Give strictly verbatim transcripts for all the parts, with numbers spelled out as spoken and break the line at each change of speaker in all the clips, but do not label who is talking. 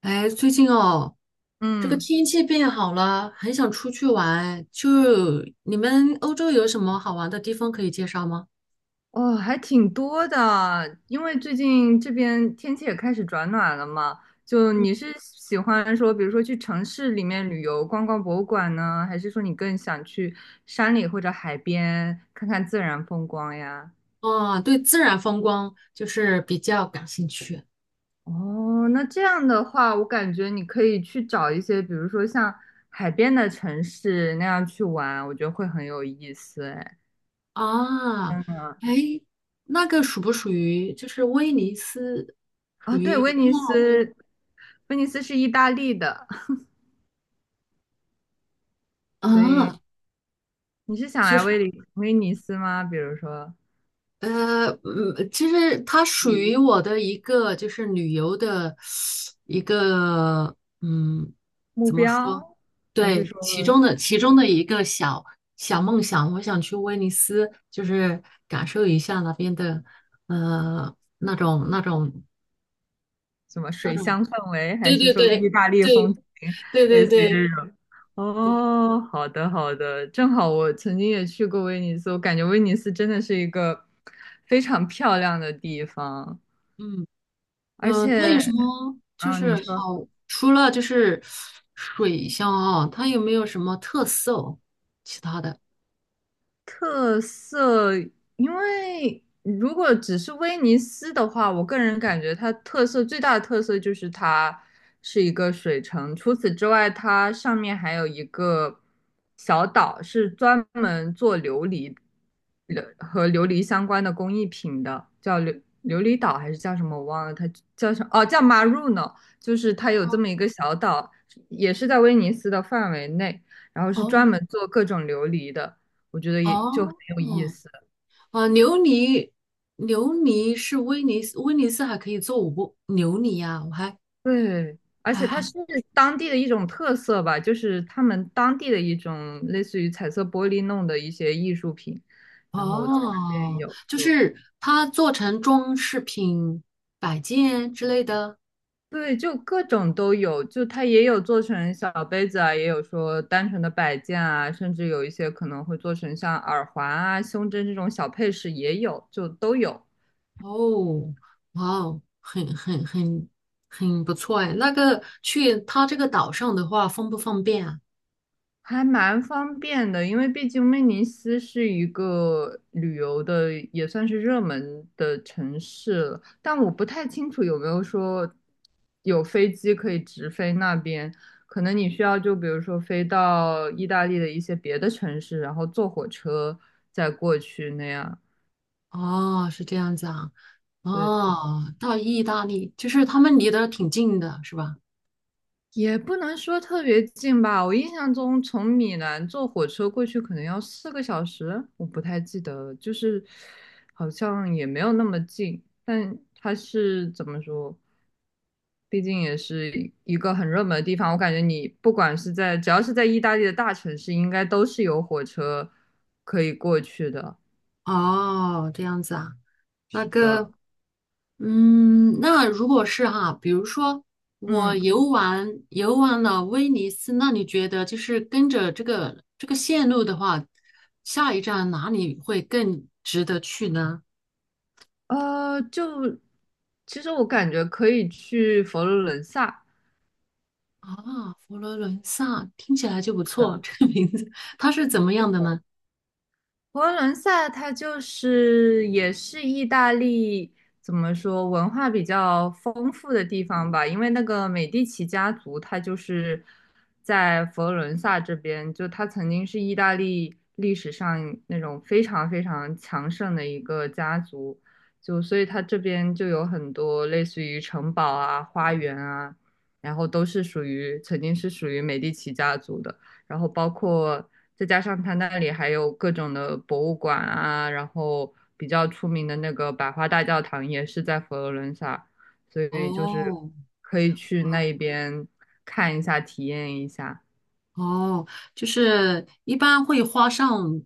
哎，最近哦，这个
嗯，
天气变好了，很想出去玩。就你们欧洲有什么好玩的地方可以介绍吗？
哦，还挺多的，因为最近这边天气也开始转暖了嘛。就你是喜欢说，比如说去城市里面旅游，逛逛博物馆呢，还是说你更想去山里或者海边看看自然风光呀？
啊，对，自然风光就是比较感兴趣
哦，那这样的话，我感觉你可以去找一些，比如说像海边的城市那样去玩，我觉得会很有意思。哎，
啊。哎，那个属不属于就是威尼斯
啊，
啊？
对，威尼
纳威
斯，威尼斯是意大利的，所以。
啊，
你是想
就
来
是
威尼威尼斯吗？比如说
呃，嗯，其实它属于我的一个就是旅游的一个，嗯，
目
怎么说？
标，还是
对，
说
其中的其中的一个小小梦想，我想去威尼斯，就是感受一下那边的，呃，那种那种
什么
那
水
种，
乡氛围，还
对
是
对
说意
对
大利风
对
情，
对对
类
对
似于
对，
这种？哦，好的好的，正好我曾经也去过威尼斯，我感觉威尼斯真的是一个非常漂亮的地方。
嗯。
而
嗯，它
且，
有什么就
嗯，
是
你说。
好？除了就是水乡啊，它有没有什么特色哦其他的？
特色，因为如果只是威尼斯的话，我个人感觉它特色最大的特色就是它是一个水城。除此之外，它上面还有一个小岛，是专门做琉璃琉和琉璃相关的工艺品的，叫琉琉璃岛还是叫什么我忘了，它叫什么？哦，叫 Maruno,就是它有这
哦
么一个小岛，也是在威尼斯的范围内，然后是专
哦
门做各种琉璃的。我觉得也就很
哦
有意
哦
思。
啊！琉璃，琉璃是威尼斯，威尼斯还可以做五不琉璃呀、我还
对，而
还
且它
还
是当地的一种特色吧，就是他们当地的一种类似于彩色玻璃弄的一些艺术品，然后在那边
哦，
有
就
就
是它做成装饰品、摆件之类的。
对，就各种都有，就它也有做成小杯子啊，也有说单纯的摆件啊，甚至有一些可能会做成像耳环啊、胸针这种小配饰也有，就都有。
哦，哇哦，很很很很不错哎。那个去他这个岛上的话，方不方便啊？
还蛮方便的，因为毕竟威尼斯是一个旅游的，也算是热门的城市了。但我不太清楚有没有说有飞机可以直飞那边，可能你需要就比如说飞到意大利的一些别的城市，然后坐火车再过去那样。
哦，是这样子啊。
对。
哦，到意大利就是他们离得挺近的，是吧？
也不能说特别近吧，我印象中从米兰坐火车过去可能要四个小时，我不太记得了，就是好像也没有那么近，但它是怎么说？毕竟也是一个很热门的地方，我感觉你不管是在只要是在意大利的大城市，应该都是有火车可以过去的。
哦，这样子啊。那
是的，
个，嗯，那如果是哈，比如说我
嗯，
游玩游玩了威尼斯，那你觉得就是跟着这个这个线路的话，下一站哪里会更值得去呢？
呃，就其实我感觉可以去佛罗伦萨。
啊，佛罗伦萨听起来就不错，这个名字它是怎么样的呢？
佛罗伦萨它就是也是意大利怎么说文化比较丰富的地方吧，因为那个美第奇家族，它就是在佛罗伦萨这边，就它曾经是意大利历史上那种非常非常强盛的一个家族，就所以它这边就有很多类似于城堡啊、花园啊，然后都是属于曾经是属于美第奇家族的。然后包括再加上它那里还有各种的博物馆啊，然后比较出名的那个百花大教堂也是在佛罗伦萨，所以就是
哦
可以去那一边看一下，体验一下。
哦，就是一般会花上，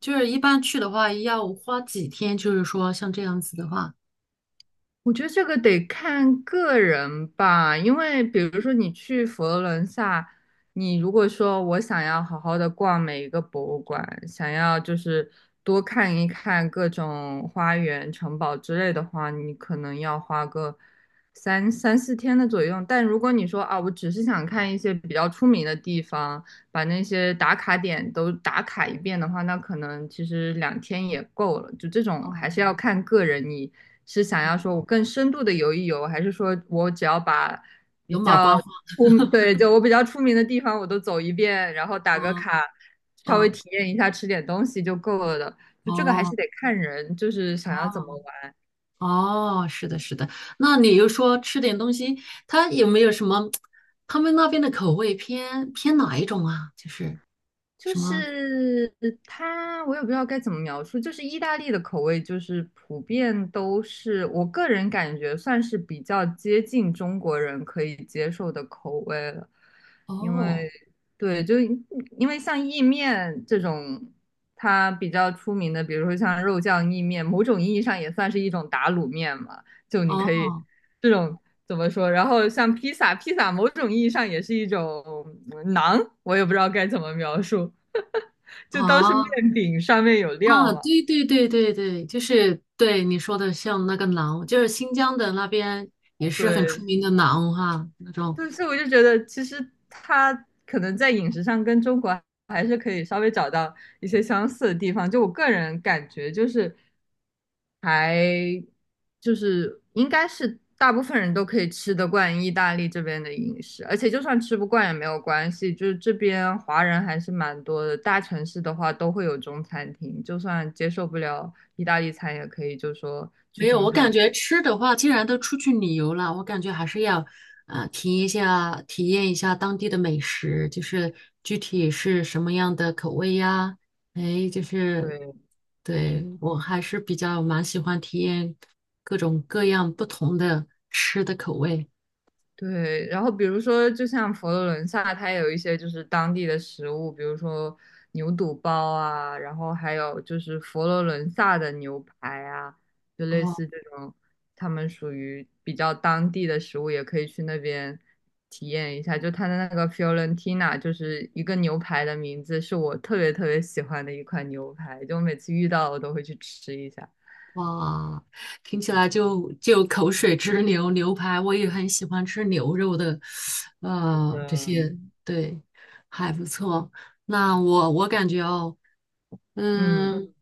就是一般去的话要花几天，就是说像这样子的话，
我觉得这个得看个人吧，因为比如说你去佛罗伦萨，你如果说我想要好好的逛每一个博物馆，想要就是多看一看各种花园、城堡之类的话，你可能要花个三三四天的左右。但如果你说啊，我只是想看一些比较出名的地方，把那些打卡点都打卡一遍的话，那可能其实两天也够了。就这种还是
哦，
要看个人你。是想要说我更深度的游一游，还是说我只要把比
有马
较
观花
出，对，就我比较出名的地方我都走一遍，然后打个
吗？
卡，稍微
哦
体验一下，吃点东西就够了的。就这个还是
哦
得看人，就是想要怎么
哦
玩。
哦，是的，是的。那你又说吃点东西，它有没有什么？他们那边的口味偏偏哪一种啊？就是
就
什么？
是它，我也不知道该怎么描述。就是意大利的口味，就是普遍都是我个人感觉算是比较接近中国人可以接受的口味了。因
哦
为对，就因为像意面这种，它比较出名的，比如说像肉酱意面，某种意义上也算是一种打卤面嘛。就你可以
哦。
这种。怎么说？然后像披萨，披萨某种意义上也是一种馕，我也不知道该怎么描述。就当是面
哦，
饼上面有料
啊，
嘛。
对对对对对，就是对你说的，像那个馕，就是新疆的那边也是很出
对，
名的馕哈，那种。
对，所以我就觉得，其实他可能在饮食上跟中国还是可以稍微找到一些相似的地方。就我个人感觉，就是还就是应该是大部分人都可以吃得惯意大利这边的饮食，而且就算吃不惯也没有关系，就是这边华人还是蛮多的，大城市的话都会有中餐厅，就算接受不了意大利餐，也可以就说去
没有，
中
我
餐
感
厅。
觉吃的话，既然都出去旅游了，我感觉还是要呃体验一下，体验一下当地的美食，就是具体是什么样的口味呀？哎，就是
对，
对
是，
我还是比较蛮喜欢体验各种各样不同的吃的口味。
对，然后比如说，就像佛罗伦萨，它有一些就是当地的食物，比如说牛肚包啊，然后还有就是佛罗伦萨的牛排啊，就类
哦。
似这种，他们属于比较当地的食物，也可以去那边体验一下。就它的那个 Fiorentina,就是一个牛排的名字，是我特别特别喜欢的一款牛排，就每次遇到我都会去吃一下。
哇，听起来就就口水直流。牛排我也很喜欢吃牛肉的，呃，这
嗯
些对，还不错。那我我感觉哦，
嗯。
嗯，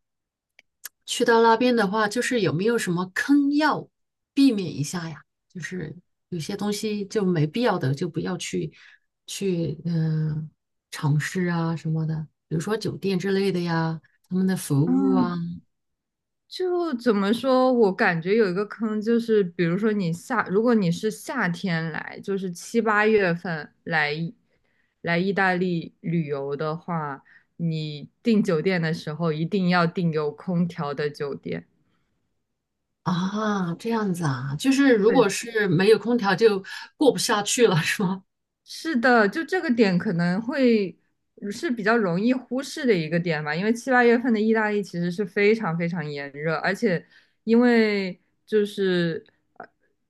去到那边的话，就是有没有什么坑要避免一下呀？就是有些东西就没必要的，就不要去去嗯、尝试啊什么的，比如说酒店之类的呀，他们的服务啊，
嗯就怎么说，我感觉有一个坑，就是比如说你夏，如果你是夏天来，就是七八月份来来意大利旅游的话，你订酒店的时候一定要订有空调的酒店。
啊，这样子啊，就是如
对。
果是没有空调就过不下去了，是吗？
是的，就这个点可能会是比较容易忽视的一个点吧，因为七八月份的意大利其实是非常非常炎热，而且因为就是呃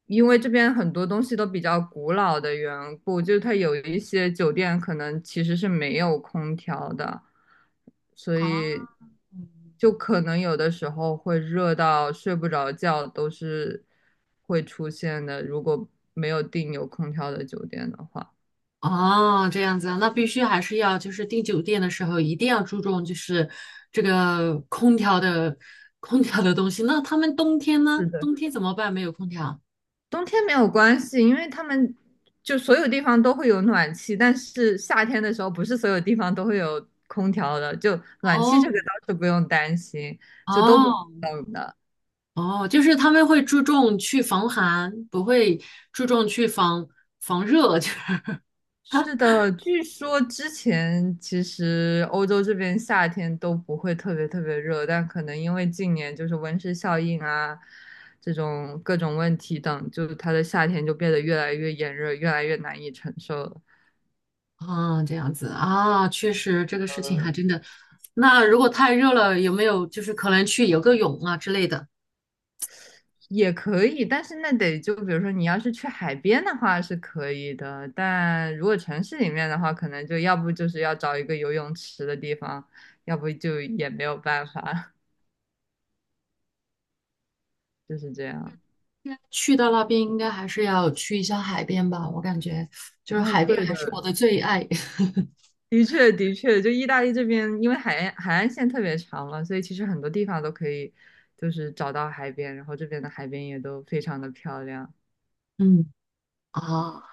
因为这边很多东西都比较古老的缘故，就是它有一些酒店可能其实是没有空调的，所以
啊，嗯
就可能有的时候会热到睡不着觉都是会出现的，如果没有订有空调的酒店的话。
哦，这样子啊，那必须还是要就是订酒店的时候一定要注重就是这个空调的空调的东西。那他们冬天呢？
是的，
冬天怎么办？没有空调？
冬天没有关系，因为他们就所有地方都会有暖气，但是夏天的时候不是所有地方都会有空调的，就暖气这个
哦
倒是不用担心，就都不会
哦
冷的。
哦，就是他们会注重去防寒，不会注重去防防热，就是
是的，据说之前其实欧洲这边夏天都不会特别特别热，但可能因为近年就是温室效应啊，这种各种问题等，就是它的夏天就变得越来越炎热，越来越难以承受了。
啊，这样子啊，确实这个事情还真的。那如果太热了，有没有就是可能去游个泳啊之类的？
也可以，但是那得就比如说你要是去海边的话是可以的，但如果城市里面的话，可能就要不就是要找一个游泳池的地方，要不就也没有办法，就是这样。
去到那边应该还是要去一下海边吧，我感觉就是
啊，
海边
对
还
的，
是我的最爱。
的确的确，就意大利这边，因为海岸海岸线特别长嘛，所以其实很多地方都可以，就是找到海边，然后这边的海边也都非常的漂亮。
嗯啊。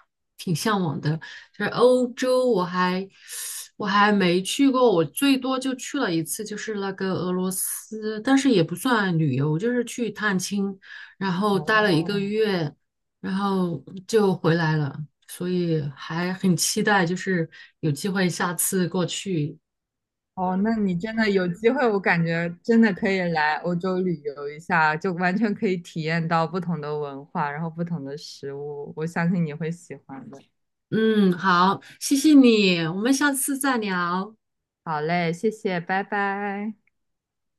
就是欧洲，我还我还没去过，我最多就去了一次，就是那个俄罗斯，但是也不算旅游，就是去探亲，然后待了一个
哦，
月，然后就回来了，所以还很期待，就是有机会下次过去。
哦，那你真的有机会，我感觉真的可以来欧洲旅游一下，就完全可以体验到不同的文化，然后不同的食物，我相信你会喜欢的。
嗯，好，谢谢你，我们下次再聊。
好嘞，谢谢，拜拜。